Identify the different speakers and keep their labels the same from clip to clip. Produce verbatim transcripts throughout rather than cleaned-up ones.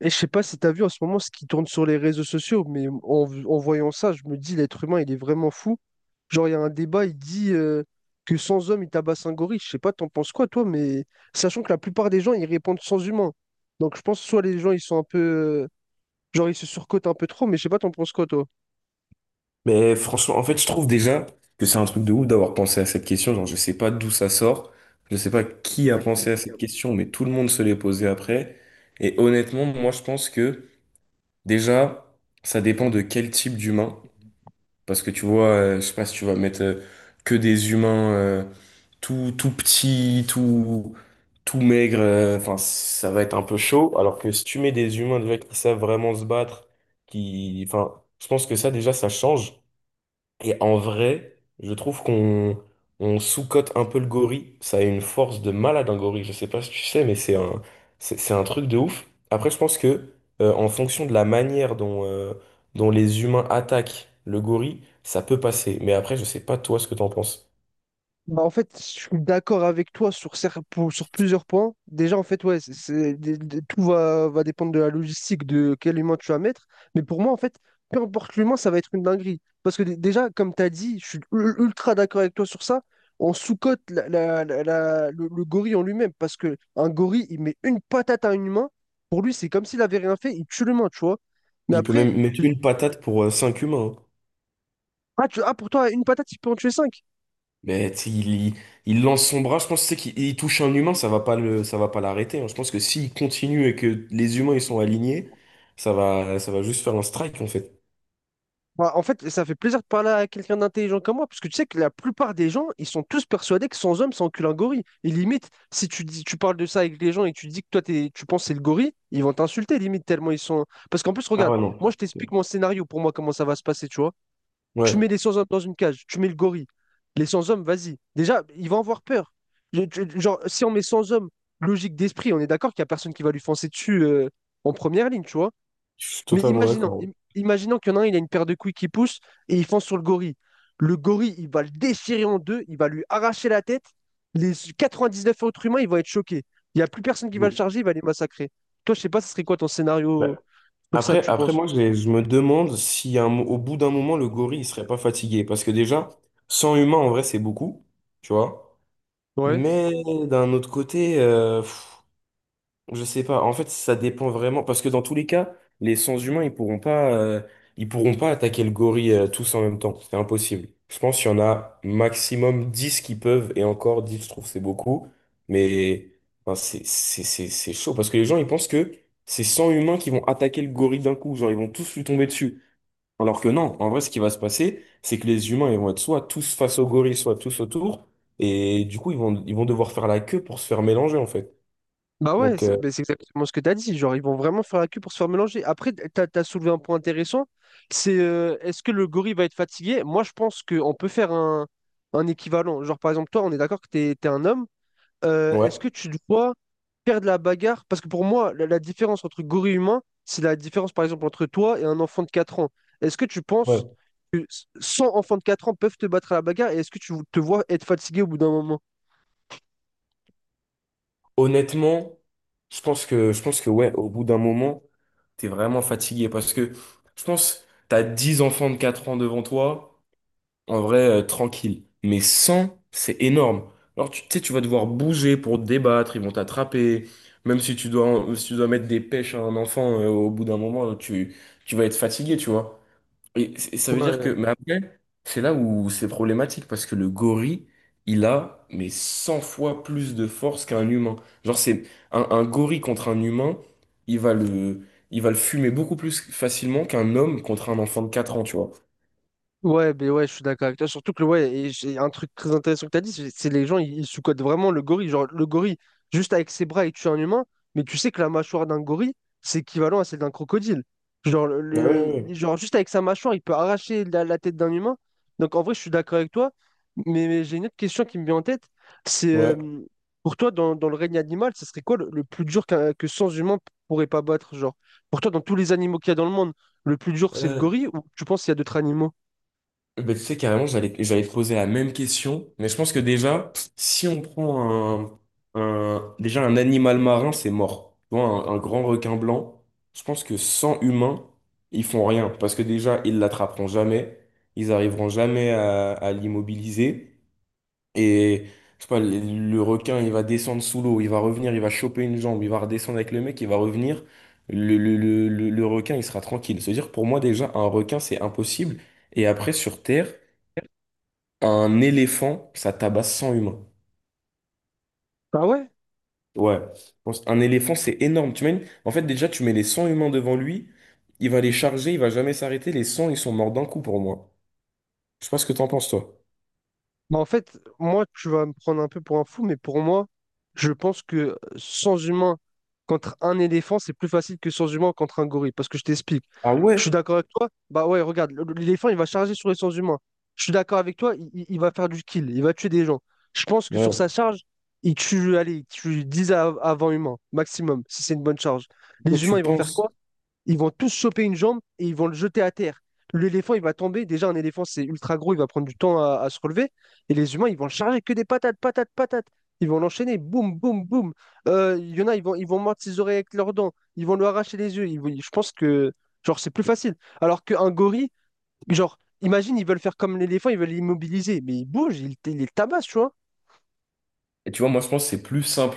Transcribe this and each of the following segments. Speaker 1: Et je sais pas si tu as vu en ce moment ce qui tourne sur les réseaux sociaux, mais en, v- en voyant ça, je me dis l'être humain, il est vraiment fou. Genre, il y a un débat, il dit euh, que sans homme, il tabasse un gorille. Je sais pas, t'en penses quoi, toi, mais sachant que la plupart des gens, ils répondent sans humain. Donc, je pense soit les gens, ils sont un peu, euh, genre, ils se surcotent un peu trop, mais je sais pas, t'en penses quoi, toi?
Speaker 2: Mais franchement, en fait, je trouve déjà que c'est un truc de ouf d'avoir pensé à cette question. Genre, je sais pas d'où ça sort, je sais pas qui a pensé à cette question, mais tout le monde se l'est posé après. Et honnêtement, moi, je pense que déjà, ça dépend de quel type d'humain. Parce que tu vois, euh, je sais pas si tu vas mettre euh, que des humains euh, tout, tout petits, tout, tout maigres, euh, enfin, ça va être un peu chaud. Alors que si tu mets des humains déjà qui savent vraiment se battre, qui, enfin, je pense que ça, déjà, ça change. Et en vrai, je trouve qu'on on sous-cote un peu le gorille. Ça a une force de malade, un gorille. Je sais pas si tu sais, mais c'est un, c'est c'est un truc de ouf. Après, je pense que euh, en fonction de la manière dont, euh, dont les humains attaquent le gorille, ça peut passer. Mais après, je sais pas toi ce que t'en penses.
Speaker 1: Bah, en fait, je suis d'accord avec toi sur, cer- pour- sur plusieurs points. Déjà, en fait, ouais, c'est, c'est- de- de- tout va, va dépendre de la logistique, de quel humain tu vas mettre. Mais pour moi, en fait, peu importe l'humain, ça va être une dinguerie. Parce que dé- déjà, comme tu as dit, je suis ul- ultra d'accord avec toi sur ça. On sous-cote la- la- la- la- le, le gorille en lui-même. Parce que un gorille, il met une patate à un humain. Pour lui, c'est comme s'il avait rien fait, il tue l'humain, tu vois. Mais
Speaker 2: Il peut
Speaker 1: après,
Speaker 2: même mettre une patate pour cinq humains.
Speaker 1: ah, tu, ah, pour toi, une patate, il peut en tuer cinq.
Speaker 2: Mais tu sais, il, il- il lance son bras, je pense tu sais, qu'il il touche un humain, ça va pas le, ça va pas l'arrêter, hein. Je pense que s'il continue et que les humains ils sont alignés, ça va, ça va juste faire un strike en fait.
Speaker 1: Bah, en fait, ça fait plaisir de parler à quelqu'un d'intelligent comme moi, parce que tu sais que la plupart des gens, ils sont tous persuadés que sans homme, c'est cul, un gorille. Et limite, si tu dis, tu parles de ça avec les gens et tu dis que toi, t'es- tu penses que c'est le gorille, ils vont t'insulter, limite, tellement ils sont. Parce qu'en plus,
Speaker 2: Ah
Speaker 1: regarde,
Speaker 2: ouais, non.
Speaker 1: moi, je t'explique mon scénario pour moi, comment ça va se passer, tu vois. Tu
Speaker 2: Ouais,
Speaker 1: mets les sans-hommes dans une cage, tu mets le gorille. Les sans-hommes, vas-y. Déjà, ils vont avoir peur. Je- je- Genre, si on met sans-hommes, logique d'esprit, on est d'accord qu'il n'y a personne qui va lui foncer dessus euh, en première ligne, tu vois.
Speaker 2: je suis
Speaker 1: Mais
Speaker 2: totalement
Speaker 1: imaginons,
Speaker 2: d'accord.
Speaker 1: im- imaginons qu'il y en a un, il a une paire de couilles qui pousse et il fonce sur le gorille. Le gorille, il va le déchirer en deux, il va lui arracher la tête. Les quatre-vingt-dix-neuf autres humains, ils vont être choqués. Il n'y a plus personne qui va le
Speaker 2: Bon.
Speaker 1: charger, il va les massacrer. Toi, je sais pas, ce serait quoi ton scénario
Speaker 2: Bah,
Speaker 1: pour ça,
Speaker 2: Après,
Speaker 1: tu
Speaker 2: après,
Speaker 1: penses?
Speaker 2: moi, je, je me demande si à un mo- au bout d'un moment, le gorille, il serait pas fatigué. Parce que déjà, cent humains, en vrai, c'est beaucoup, tu vois.
Speaker 1: Ouais.
Speaker 2: Mais d'un autre côté, je sais pas. En fait, ça dépend vraiment parce que dans tous les cas, les sens humains, ils pourront pas, euh, ils pourront pas attaquer le gorille euh, tous en même temps. C'est impossible. Je pense qu'il y en a maximum dix qui peuvent, et encore dix, je trouve c'est beaucoup. Mais enfin, c'est c'est c'est c'est chaud parce que les gens ils pensent que c'est cent humains qui vont attaquer le gorille d'un coup, genre ils vont tous lui tomber dessus. Alors que non, en vrai, ce qui va se passer, c'est que les humains ils vont être soit tous face au gorille, soit tous autour, et du coup ils vont ils vont devoir faire la queue pour se faire mélanger en fait.
Speaker 1: Bah ouais,
Speaker 2: Donc
Speaker 1: c'est
Speaker 2: euh,
Speaker 1: mais c'est exactement ce que tu as dit. Genre, ils vont vraiment faire la queue pour se faire mélanger. Après, tu as soulevé un point intéressant. C'est euh, est-ce que le gorille va être fatigué? Moi, je pense qu'on peut faire un, un équivalent. Genre, par exemple, toi, on est d'accord que tu es un homme. Euh,
Speaker 2: ouais.
Speaker 1: est-ce que tu dois faire de la bagarre, parce que pour moi, la, la différence entre gorille humain, c'est la différence, par exemple, entre toi et un enfant de quatre ans. Est-ce que tu
Speaker 2: Ouais.
Speaker 1: penses que cent enfants de quatre ans peuvent te battre à la bagarre et est-ce que tu te vois être fatigué au bout d'un moment?
Speaker 2: Honnêtement, je pense que, je pense que ouais, au bout d'un moment, t'es vraiment fatigué parce que je pense t'as dix enfants de quatre ans devant toi, en vrai, euh, tranquille. Mais cent c'est énorme. Alors tu tu sais, tu vas devoir bouger pour te débattre, ils vont t'attraper. Même si tu dois, si tu dois mettre des pêches à un enfant, euh, au bout d'un moment, tu, tu vas être fatigué, tu vois. Et c- et ça veut dire
Speaker 1: Ouais,
Speaker 2: que, mais après, c'est là où c'est problématique parce que le gorille, il a mais cent fois plus de force qu'un humain. Genre, c'est un, un gorille contre un humain, il va le, il va le fumer beaucoup plus facilement qu'un homme contre un enfant de quatre ans, tu vois.
Speaker 1: Ouais, ben ouais, je suis d'accord avec toi. Surtout que, ouais, et j'ai un truc très intéressant que tu as dit, c'est c'est les gens, ils, ils sous-cotent vraiment le gorille. Genre, le gorille, juste avec ses bras, il tue un humain, mais tu sais que la mâchoire d'un gorille, c'est équivalent à celle d'un crocodile. Genre, le,
Speaker 2: Ouais, ouais,
Speaker 1: le- genre, juste avec sa mâchoire, il peut arracher la, la tête d'un humain. Donc, en vrai, je suis d'accord avec toi, mais, mais j'ai une autre question qui me vient en tête. C'est, euh,
Speaker 2: ouais.
Speaker 1: pour toi, dans, dans le règne animal, ce serait quoi le, le plus dur qu'un- que sans humains pourraient pas battre? Genre, pour toi, dans tous les animaux qu'il y a dans le monde, le plus dur, c'est le
Speaker 2: Ouais.
Speaker 1: gorille ou tu penses qu'il y a d'autres animaux?
Speaker 2: Bah, tu sais, carrément, j'allais, j'allais te poser la même question, mais je pense que déjà, si on prend un, un- déjà un animal marin, c'est mort. Tu vois, un, un grand requin blanc, je pense que sans humains, ils font rien, parce que déjà, ils l'attraperont jamais, ils arriveront jamais à, à l'immobiliser, et je sais pas, le, le requin, il va descendre sous l'eau, il va revenir, il va choper une jambe, il va redescendre avec le mec, il va revenir, le, le, le, le le requin, il sera tranquille. C'est-à-dire, pour moi, déjà, un requin, c'est impossible. Et après, sur Terre, un éléphant, ça tabasse cent humains.
Speaker 1: Ah ouais?
Speaker 2: Ouais. Je pense- Un éléphant, c'est énorme. Tu mets, en fait, déjà, tu mets les cent humains devant lui, il va les charger, il va jamais s'arrêter. Les cent, ils sont morts d'un coup pour moi. Je sais pas ce que t'en penses, toi.
Speaker 1: Bah en fait, moi, tu vas me prendre un peu pour un fou, mais pour moi, je pense que sans humain contre un éléphant, c'est plus facile que sans humain contre un gorille. Parce que je t'explique.
Speaker 2: Ah
Speaker 1: Je
Speaker 2: ouais?
Speaker 1: suis d'accord avec toi. Bah ouais, regarde, le- l'éléphant, il va charger sur les sans humains. Je suis d'accord avec toi, il, il- il va faire du kill, il va tuer des gens. Je pense que sur
Speaker 2: Ouais.
Speaker 1: sa charge, il tue, allez, il tue dix av- avant-humains, maximum, si c'est une bonne charge.
Speaker 2: Toi,
Speaker 1: Les humains,
Speaker 2: tu
Speaker 1: ils vont faire
Speaker 2: penses.
Speaker 1: quoi? Ils vont tous choper une jambe et ils vont le jeter à terre. L'éléphant, il va tomber. Déjà, un éléphant, c'est ultra gros, il va prendre du temps à, à se relever. Et les humains, ils vont le charger que des patates, patates, patates. Ils vont l'enchaîner, boum, boum, boum. Euh, Il y en a, ils vont, ils vont mordre ses oreilles avec leurs dents. Ils vont lui arracher les yeux. Ils vont- je pense que, genre, c'est plus facile. Alors qu'un gorille, genre, imagine, ils veulent faire comme l'éléphant, ils veulent l'immobiliser. Mais il bouge, il, il les tabasse, tu vois.
Speaker 2: Et tu vois, moi, je pense que c'est plus simple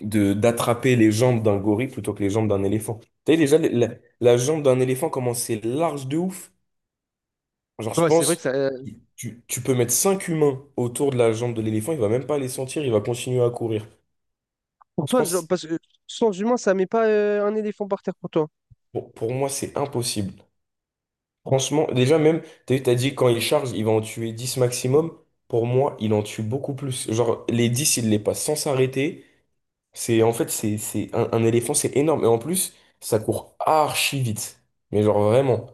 Speaker 2: de d'attraper les jambes d'un gorille plutôt que les jambes d'un éléphant. Tu sais, déjà, la, la jambe d'un éléphant, comment c'est large de ouf. Genre, je
Speaker 1: Ouais, c'est vrai
Speaker 2: pense,
Speaker 1: que ça. euh,
Speaker 2: tu, tu peux mettre cinq humains autour de la jambe de l'éléphant, il va même pas les sentir, il va continuer à courir.
Speaker 1: pour
Speaker 2: Je
Speaker 1: toi, genre,
Speaker 2: pense.
Speaker 1: parce que sans humain, ça met pas euh, un éléphant par terre pour toi.
Speaker 2: Bon, pour moi, c'est impossible. Franchement, déjà même, t'as vu, t'as dit quand il charge, il va en tuer dix maximum. Pour moi, il en tue beaucoup plus. Genre, les dix il les passe sans s'arrêter. C'est, en fait, c'est, c'est un, un éléphant, c'est énorme. Et en plus, ça court archi vite. Mais genre vraiment,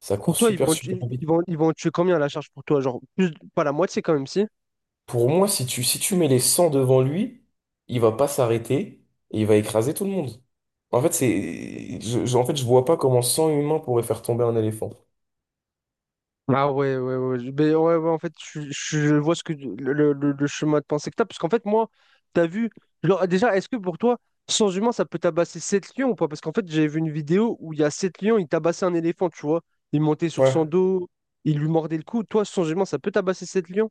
Speaker 2: ça
Speaker 1: Pour
Speaker 2: court
Speaker 1: toi, ils
Speaker 2: super,
Speaker 1: vont,
Speaker 2: super
Speaker 1: tu-
Speaker 2: vite.
Speaker 1: ils vont, ils vont tuer combien à la charge pour toi? Genre, plus, pas la moitié quand même, si?
Speaker 2: Pour moi, si tu, si tu mets les cent devant lui, il va pas s'arrêter et il va écraser tout le monde. En fait, c'est, je, je- en fait, je vois pas comment cent humains pourraient faire tomber un éléphant.
Speaker 1: Ah ouais, ouais, ouais. Je- ben ouais, ouais, en fait, je, je vois ce que le, le- le- le chemin de pensée que t'as. Parce qu'en fait, moi, t'as vu. Genre, déjà, est-ce que pour toi, sans humain, ça peut tabasser sept lions ou pas? Parce qu'en fait, j'ai vu une vidéo où il y a sept lions, ils tabassaient un éléphant, tu vois. Ils montaient sur
Speaker 2: Ouais.
Speaker 1: son dos, ils lui mordaient le cou. Toi, sans humain, ça peut tabasser sept lions?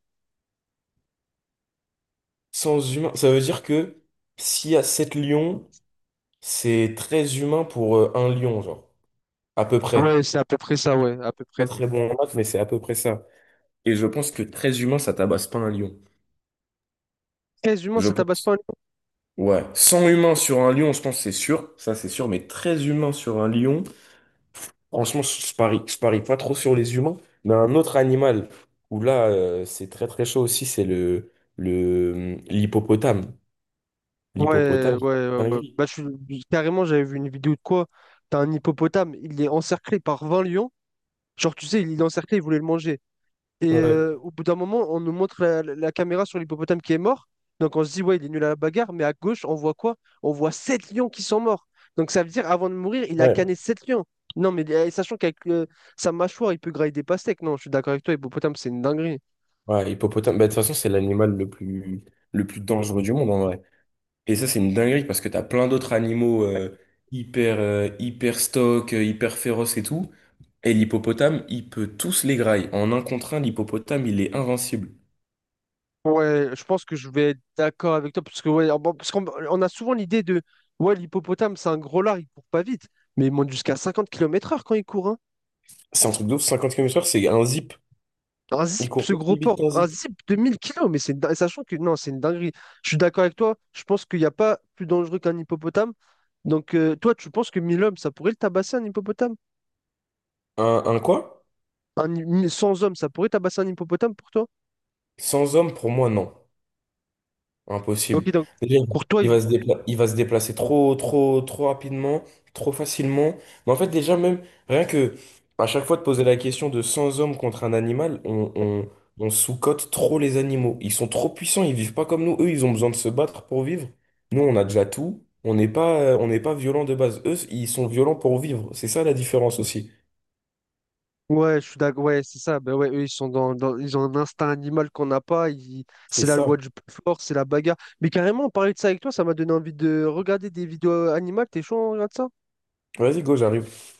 Speaker 2: Sans humain, ça veut dire que s'il y a sept lions, c'est très humain pour euh, un lion, genre. À peu
Speaker 1: Ouais,
Speaker 2: près.
Speaker 1: c'est à peu près ça, ouais, à peu
Speaker 2: Pas
Speaker 1: près.
Speaker 2: très bon en maths, mais c'est à peu près ça. Et je pense que très humain, ça tabasse pas un lion.
Speaker 1: treize humains,
Speaker 2: Je
Speaker 1: ça tabasse
Speaker 2: pense.
Speaker 1: pas.
Speaker 2: Ouais. cent humains sur un lion, je pense que c'est sûr. Ça, c'est sûr. Mais très humain sur un lion, franchement, je je parie. Je parie pas trop sur les humains. Mais un autre animal où là, euh, c'est très très chaud aussi, c'est le, le, hum, l'hippopotame.
Speaker 1: Ouais,
Speaker 2: L'hippopotame, c'est
Speaker 1: ouais, ouais,
Speaker 2: une
Speaker 1: ouais.
Speaker 2: dinguerie.
Speaker 1: Bah, je suis. Carrément, j'avais vu une vidéo de quoi? T'as un hippopotame, il est encerclé par vingt lions. Genre, tu sais, il est encerclé, il voulait le manger. Et euh,
Speaker 2: Ouais.
Speaker 1: au bout d'un moment, on nous montre la, la- la caméra sur l'hippopotame qui est mort. Donc, on se dit, ouais, il est nul à la bagarre. Mais à gauche, on voit quoi? On voit sept lions qui sont morts. Donc, ça veut dire, avant de mourir, il a
Speaker 2: Ouais.
Speaker 1: canné sept lions. Non, mais euh, sachant qu'avec euh, sa mâchoire, il peut grailler des pastèques. Non, je suis d'accord avec toi, hippopotame, c'est une dinguerie.
Speaker 2: Ouais, hippopotame, bah, de toute façon, c'est l'animal le plus, le plus dangereux du monde en vrai. Et ça, c'est une dinguerie parce que t'as plein d'autres animaux euh, hyper, euh, hyper stock, euh, hyper féroces et tout. Et l'hippopotame, il peut tous les grailler. En un contre un, l'hippopotame, il est invincible.
Speaker 1: Ouais, je pense que je vais être d'accord avec toi, parce que ouais, bon, parce qu'on on a souvent l'idée de ouais, l'hippopotame, c'est un gros lard, il court pas vite, mais il monte jusqu'à cinquante kilomètres heure quand il court, hein.
Speaker 2: C'est un truc de ouf, cinquante kilomètres heure, c'est un zip.
Speaker 1: Un
Speaker 2: Il
Speaker 1: zip,
Speaker 2: court
Speaker 1: ce gros
Speaker 2: aussi vite
Speaker 1: porc,
Speaker 2: qu'un
Speaker 1: un
Speaker 2: zip.
Speaker 1: zip de mille kilos, mais c'est une din- sachant que non, c'est une dinguerie. Je suis d'accord avec toi, je pense qu'il n'y a pas plus dangereux qu'un hippopotame. Donc euh, toi, tu penses que mille hommes, ça pourrait le tabasser un hippopotame?
Speaker 2: Un, un quoi?
Speaker 1: Un, hi- cent hommes, ça pourrait tabasser un hippopotame pour toi?
Speaker 2: Sans homme, pour moi, non. Impossible.
Speaker 1: Ok, donc
Speaker 2: Déjà,
Speaker 1: pour toi.
Speaker 2: il va se dépla- il va se déplacer trop, trop, trop rapidement, trop facilement. Mais en fait, déjà, même, rien que à chaque fois de poser la question de cent hommes contre un animal, on, on, on sous-cote trop les animaux. Ils sont trop puissants, ils vivent pas comme nous. Eux, ils ont besoin de se battre pour vivre. Nous, on a déjà tout. On n'est pas, euh, on n'est pas violent de base. Eux, ils sont violents pour vivre. C'est ça la différence aussi.
Speaker 1: Ouais, je suis d'accord. Ouais, c'est ça. Ben ouais, eux, ils sont dans, dans- ils ont un instinct animal qu'on n'a pas. Ils-
Speaker 2: C'est
Speaker 1: C'est la loi
Speaker 2: ça.
Speaker 1: du plus fort, c'est la bagarre. Mais carrément, parler de ça avec toi, ça m'a donné envie de regarder des vidéos euh, animales. T'es chaud, on regarde ça?
Speaker 2: Vas-y, go, j'arrive.